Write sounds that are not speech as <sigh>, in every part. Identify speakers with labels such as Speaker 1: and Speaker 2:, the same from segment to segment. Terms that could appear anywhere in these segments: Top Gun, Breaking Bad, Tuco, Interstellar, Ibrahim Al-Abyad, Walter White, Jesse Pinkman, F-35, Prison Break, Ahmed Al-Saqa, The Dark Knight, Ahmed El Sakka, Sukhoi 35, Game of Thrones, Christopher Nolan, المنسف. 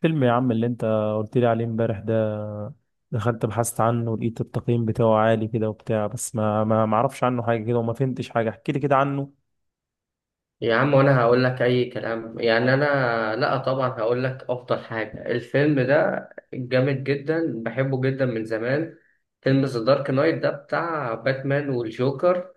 Speaker 1: فيلم يا عم اللي انت قلت لي عليه امبارح ده. دخلت بحثت عنه ولقيت التقييم بتاعه عالي كده وبتاع، بس ما اعرفش عنه حاجة كده وما فهمتش حاجة. احكي لي كده عنه.
Speaker 2: يا عم وانا هقول لك اي كلام يعني لا طبعا هقول لك افضل حاجه. الفيلم ده جامد جدا، بحبه جدا من زمان. فيلم ذا دارك نايت ده بتاع باتمان والجوكر.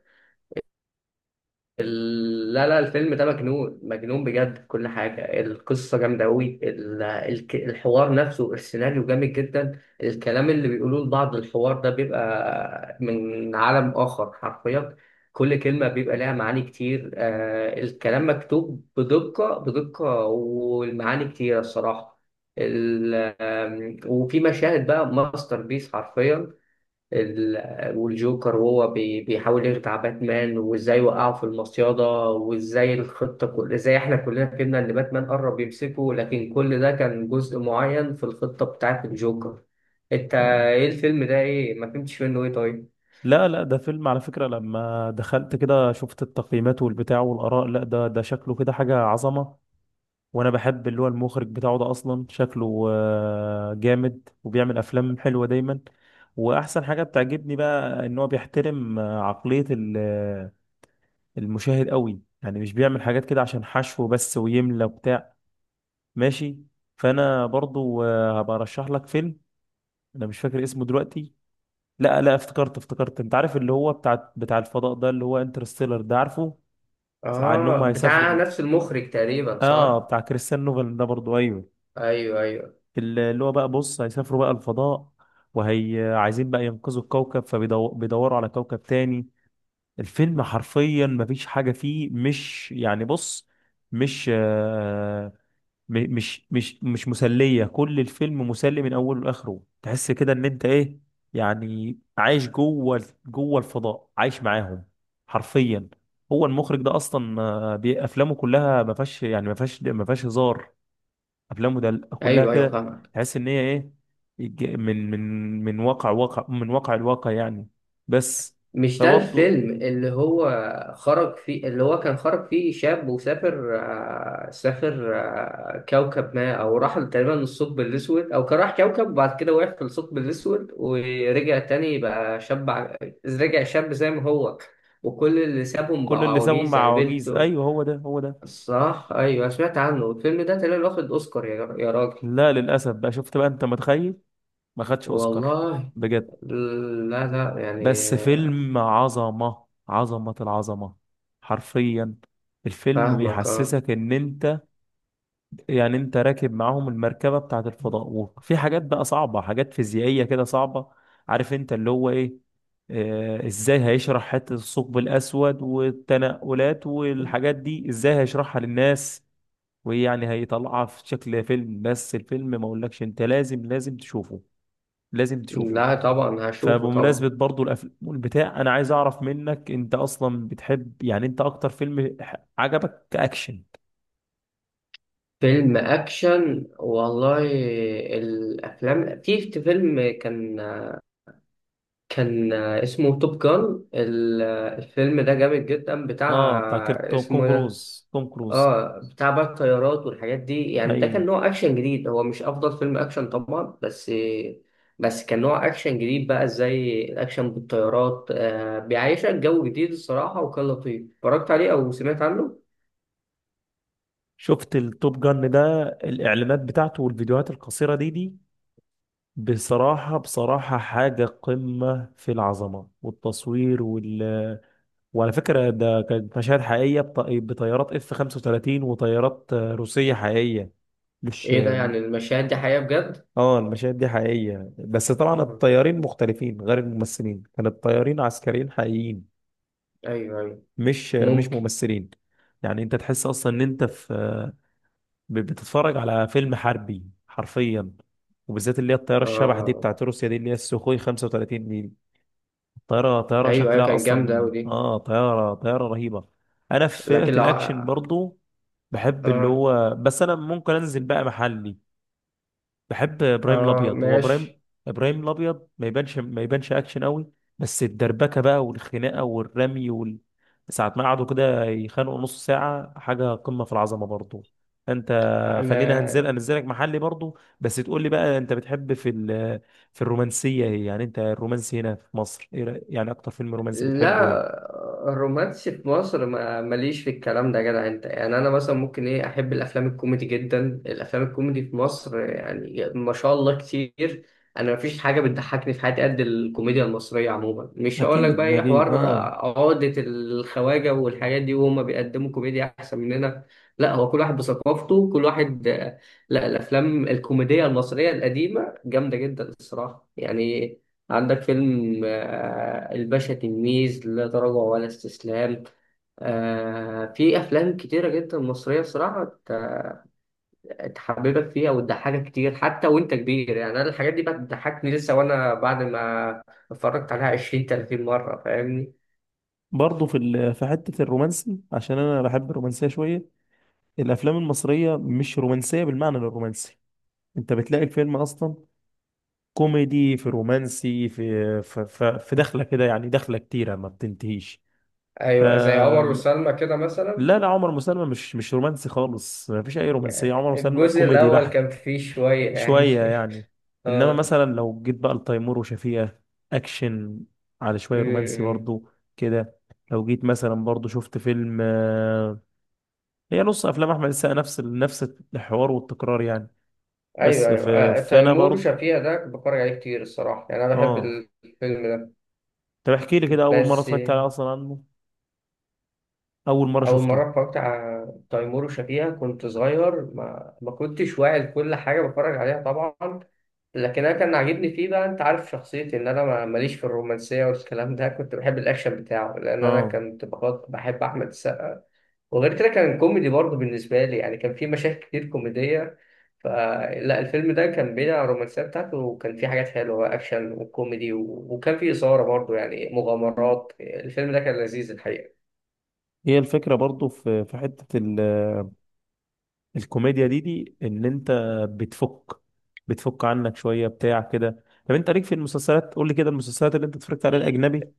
Speaker 2: لا لا الفيلم ده مجنون بجد في كل حاجة. القصة جامدة أوي، الحوار نفسه، السيناريو جامد جدا، الكلام اللي بيقولوه لبعض، الحوار ده بيبقى من عالم آخر حرفيا. كل كلمة بيبقى لها معاني كتير، الكلام مكتوب بدقة والمعاني كتيرة الصراحة. ال- وفي مشاهد بقى ماستر بيس حرفيا. والجوكر وهو بيحاول يخدع باتمان، وازاي وقعه في المصيادة، وازاي الخطة، كل ازاي احنا كلنا فهمنا ان باتمان قرب يمسكه، لكن كل ده كان جزء معين في الخطة بتاعت الجوكر. انت
Speaker 1: اه،
Speaker 2: ايه الفيلم ده؟ ايه ما فهمتش منه ايه؟ طيب.
Speaker 1: لا لا، ده فيلم على فكرة. لما دخلت كده شفت التقييمات والبتاع والآراء، لا ده شكله كده حاجة عظمة. وانا بحب اللي هو المخرج بتاعه ده، اصلا شكله جامد وبيعمل افلام حلوة دايما. واحسن حاجة بتعجبني بقى ان هو بيحترم عقلية المشاهد قوي، يعني مش بيعمل حاجات كده عشان حشو بس ويملى وبتاع. ماشي. فانا برضو هبقى ارشح لك فيلم. انا مش فاكر اسمه دلوقتي. لا لا، افتكرت افتكرت. انت عارف اللي هو بتاع الفضاء ده، اللي هو انترستيلر ده؟ عارفه؟ عن انهم
Speaker 2: اه، بتاع
Speaker 1: هيسافروا.
Speaker 2: نفس المخرج تقريبا
Speaker 1: اه،
Speaker 2: صح.
Speaker 1: بتاع كريستيان نوفل ده برضو، ايوه.
Speaker 2: ايوه ايوه
Speaker 1: اللي هو بقى، بص، هيسافروا بقى الفضاء، وهي عايزين بقى ينقذوا الكوكب فبيدوروا على كوكب تاني. الفيلم حرفيا مفيش حاجة فيه، مش يعني، بص، مش مش مسلية. كل الفيلم مسلي من اوله لاخره، تحس كده ان انت ايه، يعني عايش جوه جوه الفضاء، عايش معاهم حرفيا. هو المخرج ده اصلا افلامه كلها ما فيهاش، يعني ما فيهاش هزار. افلامه ده كلها
Speaker 2: ايوه ايوه
Speaker 1: كده،
Speaker 2: فاهم.
Speaker 1: تحس ان هي ايه، الج- من من من واقع الواقع يعني. بس.
Speaker 2: مش ده
Speaker 1: فبرضه.
Speaker 2: الفيلم اللي هو خرج فيه، اللي هو كان خرج فيه شاب وسافر، سافر كوكب ما، او راح تقريبا للثقب الاسود، او كان راح كوكب وبعد كده وقف في الثقب الاسود ورجع تاني بقى شاب. رجع شاب زي ما هو، وكل اللي سابهم
Speaker 1: كل
Speaker 2: بقوا
Speaker 1: اللي سابهم
Speaker 2: عواجيز
Speaker 1: مع
Speaker 2: يعني
Speaker 1: عواجيز،
Speaker 2: بنته.
Speaker 1: ايوه، هو ده هو ده.
Speaker 2: الصراحة ايوه، سمعت عنه الفيلم ده تقريبا واخد اوسكار يا راجل.
Speaker 1: لا للاسف بقى، شفت بقى، انت متخيل؟ ما خدش اوسكار،
Speaker 2: والله.
Speaker 1: بجد.
Speaker 2: لا لا يعني.
Speaker 1: بس فيلم عظمة عظمة العظمة، حرفيا. الفيلم
Speaker 2: فاهمك اه.
Speaker 1: بيحسسك ان انت، يعني انت راكب معاهم المركبة بتاعت الفضاء، وفي حاجات بقى صعبة، حاجات فيزيائية كده صعبة. عارف انت اللي هو ايه، ازاي هيشرح حتة الثقب الاسود والتنقلات والحاجات دي، ازاي هيشرحها للناس ويعني هيطلعها في شكل فيلم. بس الفيلم ما اقولكش، انت لازم لازم تشوفه، لازم تشوفه.
Speaker 2: لا طبعا هشوفه
Speaker 1: فبمناسبة
Speaker 2: طبعا.
Speaker 1: برضو الأفلام والبتاع، أنا عايز أعرف منك، أنت أصلا بتحب، يعني أنت أكتر فيلم عجبك كأكشن؟
Speaker 2: فيلم اكشن والله. الافلام، في فيلم كان اسمه توب جان، الفيلم ده جامد جدا
Speaker 1: آه
Speaker 2: بتاع.
Speaker 1: بتاع توم
Speaker 2: اسمه ده.
Speaker 1: كروز، توم كروز.
Speaker 2: اه، بتاع بقى الطيارات والحاجات دي، يعني ده كان
Speaker 1: أيوه.
Speaker 2: نوع اكشن جديد، هو مش افضل فيلم اكشن طبعا، بس كان نوع اكشن جديد بقى، زي الاكشن بالطيارات، آه بيعيشك جو جديد الصراحة، وكان لطيف اتفرجت عليه او سمعت عنه.
Speaker 1: شفت التوب جن ده، الإعلانات بتاعته والفيديوهات القصيرة دي، بصراحة بصراحة حاجة قمة في العظمة والتصوير وعلى فكرة ده كانت مشاهد حقيقية، بطيارات اف 35 وطيارات روسية حقيقية، مش؟
Speaker 2: ايه ده، يعني المشاهد دي حقيقة بجد؟
Speaker 1: اه، المشاهد دي حقيقية، بس طبعا
Speaker 2: آه،
Speaker 1: الطيارين مختلفين غير الممثلين، كان الطيارين عسكريين حقيقيين،
Speaker 2: ايوه ايوه.
Speaker 1: مش
Speaker 2: ممكن.
Speaker 1: ممثلين. يعني انت تحس اصلا ان انت في، بتتفرج على فيلم حربي حرفيا. وبالذات اللي هي الطيارة الشبح دي
Speaker 2: اه
Speaker 1: بتاعت روسيا دي، اللي هي السوخوي 35 دي، طيارة
Speaker 2: ايوه ايوه،
Speaker 1: شكلها
Speaker 2: كانت جامده قوي
Speaker 1: اصلا،
Speaker 2: دي.
Speaker 1: طيارة رهيبة. انا في فئة
Speaker 2: لكن لو
Speaker 1: الاكشن
Speaker 2: اه.
Speaker 1: برضو بحب اللي هو، بس انا ممكن انزل بقى محلي. بحب ابراهيم
Speaker 2: اه
Speaker 1: الابيض، هو ابراهيم
Speaker 2: ماشي.
Speaker 1: ابراهيم الابيض ما يبانش اكشن قوي، بس الدربكه بقى والخناقه والرمي ساعه ما قعدوا كده يخانقوا نص ساعه، حاجه قمه في العظمه برضو. انت، خلينا
Speaker 2: انا.
Speaker 1: انزلك محلي برضو، بس تقول لي بقى انت بتحب في في الرومانسيه ايه؟ يعني انت الرومانسي هنا في مصر، ايه يعني اكتر فيلم رومانسي بتحبه ايه؟
Speaker 2: لا الرومانسي في مصر ما ماليش في الكلام ده يا جدع انت، يعني انا مثلا ممكن ايه احب الافلام الكوميدي جدا، الافلام الكوميدي في مصر يعني ما شاء الله كتير. انا مفيش حاجه بتضحكني في حياتي قد الكوميديا المصريه عموما، مش هقول لك بقى
Speaker 1: اكيد
Speaker 2: ايه
Speaker 1: اكيد،
Speaker 2: حوار
Speaker 1: اه.
Speaker 2: عقده الخواجه والحاجات دي وهم بيقدموا كوميديا احسن مننا. لا هو كل واحد بثقافته كل واحد. لا الافلام الكوميديه المصريه القديمه جامده جدا الصراحه يعني. عندك فيلم الباشا تلميذ، لا تراجع ولا استسلام، في أفلام كتيرة جدا مصرية بصراحة تحببك فيها وتضحكك كتير حتى وأنت كبير، يعني أنا الحاجات دي بقى بتضحكني لسه وأنا بعد ما اتفرجت عليها 20 30 مرة فاهمني.
Speaker 1: برضه في في حتة الرومانسي، عشان انا بحب الرومانسية شوية. الافلام المصريه مش رومانسيه بالمعنى الرومانسي، انت بتلاقي الفيلم اصلا كوميدي، في رومانسي، في دخله كده، يعني دخله كتيره ما بتنتهيش. ف
Speaker 2: ايوه زي عمر وسلمى كده مثلا.
Speaker 1: لا لا، عمر وسلمى مش رومانسي خالص، ما فيش اي رومانسيه،
Speaker 2: يعني
Speaker 1: عمر وسلمى
Speaker 2: الجزء
Speaker 1: كوميدي
Speaker 2: الأول كان
Speaker 1: بحت.
Speaker 2: فيه شوية يعني
Speaker 1: شويه يعني.
Speaker 2: <laughs>
Speaker 1: انما
Speaker 2: آه.
Speaker 1: مثلا لو جيت بقى لتيمور وشفيقة، اكشن على شويه رومانسي
Speaker 2: أمم.
Speaker 1: برضو كده. لو جيت مثلا برضو شفت فيلم هي نص افلام احمد السقا نفس نفس الحوار والتكرار يعني.
Speaker 2: أيوه
Speaker 1: بس
Speaker 2: أيوه،
Speaker 1: فانا
Speaker 2: تيمور
Speaker 1: برضه،
Speaker 2: وشفيقة ده بتفرج عليه كتير الصراحة، يعني أنا بحب
Speaker 1: اه.
Speaker 2: الفيلم ده.
Speaker 1: طب احكي لي كده، اول مره
Speaker 2: بس
Speaker 1: اتفرجت عليه اصلا، عنه، اول مره
Speaker 2: أول
Speaker 1: شفته.
Speaker 2: مرة اتفرجت على تيمور وشفيقة كنت صغير، ما كنتش واعي لكل حاجة بتفرج عليها طبعا، لكن أنا كان عاجبني فيه. بقى أنت عارف شخصيتي إن أنا ماليش في الرومانسية والكلام ده، كنت بحب الأكشن بتاعه، لأن أنا
Speaker 1: اه.
Speaker 2: كنت بحب أحمد السقا، وغير كده كان كوميدي برضه بالنسبة لي، يعني كان فيه مشاهد كتير كوميدية. فلا الفيلم ده كان بين الرومانسية بتاعته وكان فيه حاجات حلوة، أكشن وكوميدي وكان فيه إثارة برضه، يعني مغامرات. الفيلم ده كان لذيذ الحقيقة.
Speaker 1: هي الفكره برضه في حته الكوميديا دي ان انت بتفك بتفك عنك شويه بتاع كده. طب انت ليك في المسلسلات، قول لي كده المسلسلات اللي انت اتفرجت عليها، الاجنبي.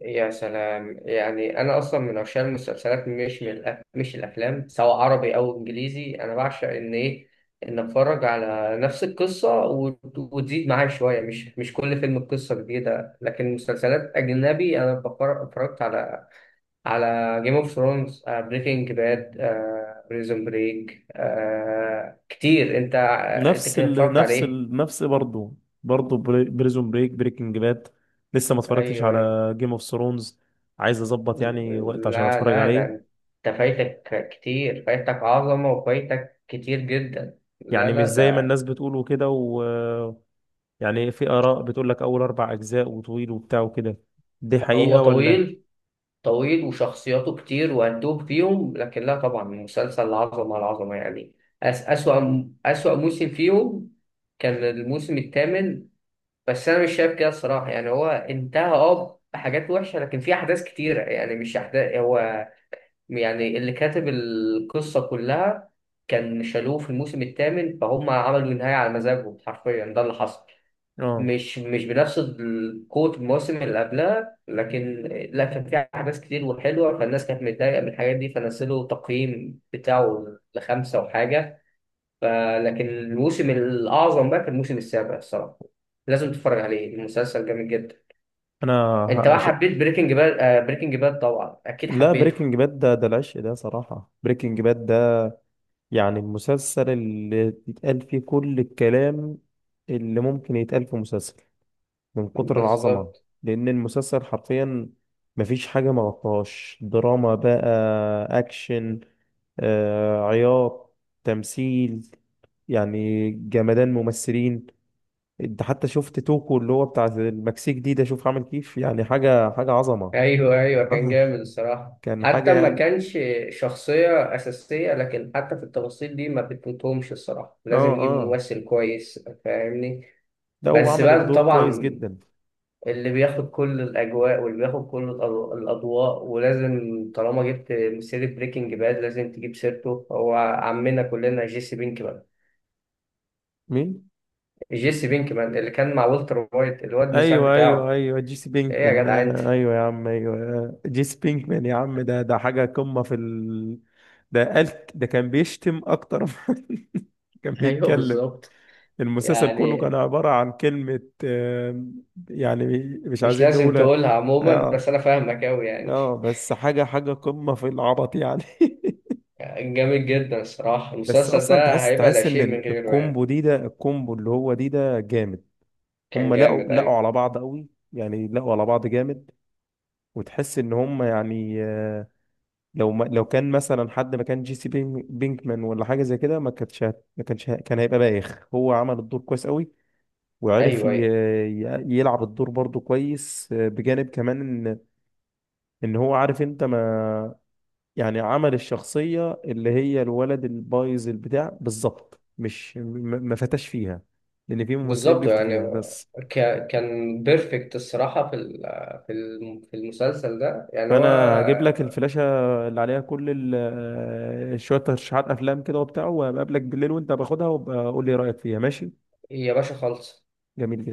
Speaker 2: يا سلام، يعني انا اصلا من عشاق المسلسلات مش من مش الافلام، سواء عربي او انجليزي، انا بعشق ان ايه، ان اتفرج على نفس القصه وتزيد معايا شويه، مش مش كل فيلم قصه جديده. لكن مسلسلات اجنبي انا اتفرجت على على جيم اوف ثرونز، بريكنج باد، بريزون بريك، كتير. انت انت
Speaker 1: نفس
Speaker 2: كده
Speaker 1: ال...
Speaker 2: اتفرجت على
Speaker 1: نفس
Speaker 2: ايه؟
Speaker 1: ال... نفس برضه برضه بريزون بريك، بريكنج باد. لسه ما اتفرجتش
Speaker 2: ايوه.
Speaker 1: على جيم اوف ثرونز، عايز اظبط يعني وقت عشان
Speaker 2: لا
Speaker 1: اتفرج
Speaker 2: لا ده،
Speaker 1: عليه.
Speaker 2: انت فايتك كتير، فايتك عظمة وفايتك كتير جدا. لا
Speaker 1: يعني مش
Speaker 2: لا
Speaker 1: زي ما
Speaker 2: ده.
Speaker 1: الناس بتقول وكده يعني في آراء بتقول لك أول أربع أجزاء وطويل وبتاع وكده، دي
Speaker 2: هو
Speaker 1: حقيقة ولا؟
Speaker 2: طويل، طويل وشخصياته كتير وهتوه فيهم، لكن لا طبعا مسلسل عظمة على عظمة يعني. أس أسوأ أسوأ موسم فيهم كان الموسم الثامن، بس أنا مش شايف كده الصراحة، يعني هو انتهى اه بحاجات وحشة، لكن في أحداث كتيرة يعني مش أحداث هو، يعني اللي كاتب القصة كلها كان شالوه في الموسم الثامن، فهم عملوا النهاية على مزاجهم حرفيا، ده اللي حصل.
Speaker 1: آه.
Speaker 2: مش بنفس قوة الموسم اللي قبلها، لكن لا كان فيها أحداث كتير وحلوة، فالناس كانت متضايقة من الحاجات دي فنزلوا تقييم بتاعه لخمسة وحاجة. فلكن الموسم الأعظم بقى كان الموسم السابع الصراحة، لازم تتفرج عليه، المسلسل جامد جدا.
Speaker 1: أنا
Speaker 2: أنت بقى
Speaker 1: هقش...
Speaker 2: حبيت بريكنج باد؟ بريكنج باد طبعا أكيد
Speaker 1: لا،
Speaker 2: حبيته.
Speaker 1: بريكنج باد ده العشق، ده صراحة. بريكنج باد ده يعني المسلسل اللي يتقال فيه كل الكلام اللي ممكن يتقال في مسلسل، من كتر العظمة.
Speaker 2: بالظبط.
Speaker 1: لأن المسلسل حرفيا مفيش حاجة ما غطاهاش، دراما بقى، أكشن، عياط، تمثيل، يعني جمدان ممثلين. انت حتى شفت توكو اللي هو بتاع المكسيك دي، ده شوف عامل كيف، يعني حاجة حاجة عظمة.
Speaker 2: ايوه ايوه
Speaker 1: <laughs>
Speaker 2: كان
Speaker 1: آه.
Speaker 2: جامد الصراحه،
Speaker 1: كان حاجة
Speaker 2: حتى ما
Speaker 1: يعني.
Speaker 2: كانش شخصيه اساسيه، لكن حتى في التفاصيل دي ما بتفوتهمش الصراحه،
Speaker 1: اه،
Speaker 2: لازم يجيب
Speaker 1: اه،
Speaker 2: ممثل كويس. فاهمني.
Speaker 1: لا هو
Speaker 2: بس
Speaker 1: عمل
Speaker 2: بقى
Speaker 1: الدور كويس
Speaker 2: طبعا
Speaker 1: جدا.
Speaker 2: اللي بياخد كل الاجواء واللي بياخد كل الاضواء، ولازم طالما جبت سيره بريكنج باد لازم تجيب سيرته، هو عمنا كلنا جيسي بينكمان.
Speaker 1: مين؟
Speaker 2: جيسي بينكمان اللي كان مع والتر وايت، الواد المساعد
Speaker 1: ايوه ايوه
Speaker 2: بتاعه.
Speaker 1: ايوه، جيسي
Speaker 2: ايه
Speaker 1: بينكمان،
Speaker 2: يا جدع انت.
Speaker 1: آه ايوه يا عم، ايوه. آه. جيسي بينكمان يا عم، ده حاجة قمة في ده قال ده كان بيشتم اكتر <laughs> كان
Speaker 2: ايوه
Speaker 1: بيتكلم.
Speaker 2: بالظبط
Speaker 1: المسلسل كله
Speaker 2: يعني.
Speaker 1: كان عبارة عن كلمة، يعني مش
Speaker 2: مش
Speaker 1: عايزين
Speaker 2: لازم
Speaker 1: نقولها.
Speaker 2: تقولها عموما، بس
Speaker 1: اه،
Speaker 2: انا فاهمك اوي يعني.
Speaker 1: اه، بس حاجة حاجة قمة في العبط يعني. <laughs>
Speaker 2: كان جامد جدا الصراحه
Speaker 1: بس
Speaker 2: المسلسل
Speaker 1: اصلا
Speaker 2: ده،
Speaker 1: تحس
Speaker 2: هيبقى لا
Speaker 1: تحس ان
Speaker 2: شيء من غيره يعني.
Speaker 1: الكومبو دي، ده الكومبو اللي هو دي ده جامد.
Speaker 2: كان
Speaker 1: هم لقوا
Speaker 2: جامد
Speaker 1: لقوا
Speaker 2: ايوه.
Speaker 1: على بعض قوي، يعني لقوا على بعض جامد. وتحس ان هم يعني، لو كان مثلا حد ما كان جي سي بينكمان ولا حاجة زي كده، ما كانتش هت- ما كانش ه- كان هيبقى بايخ. هو عمل الدور كويس قوي، وعرف
Speaker 2: ايوه
Speaker 1: يلعب الدور برضه كويس، بجانب كمان ان ان هو عارف انت، ما يعني، عمل الشخصية اللي هي الولد البايظ البتاع بالظبط، مش ما فتاش فيها، لأن في ممثلين
Speaker 2: بالظبط
Speaker 1: بيفتوا
Speaker 2: يعني.
Speaker 1: فيها بس.
Speaker 2: كان بيرفكت الصراحه في في في المسلسل ده يعني هو.
Speaker 1: فأنا هجيب لك الفلاشة اللي عليها كل شوية ترشيحات أفلام كده وبتاع، وبقابلك بالليل وأنت باخدها، وابقى قول لي رأيك فيها، ماشي.
Speaker 2: يا باشا خالص.
Speaker 1: جميل جدا.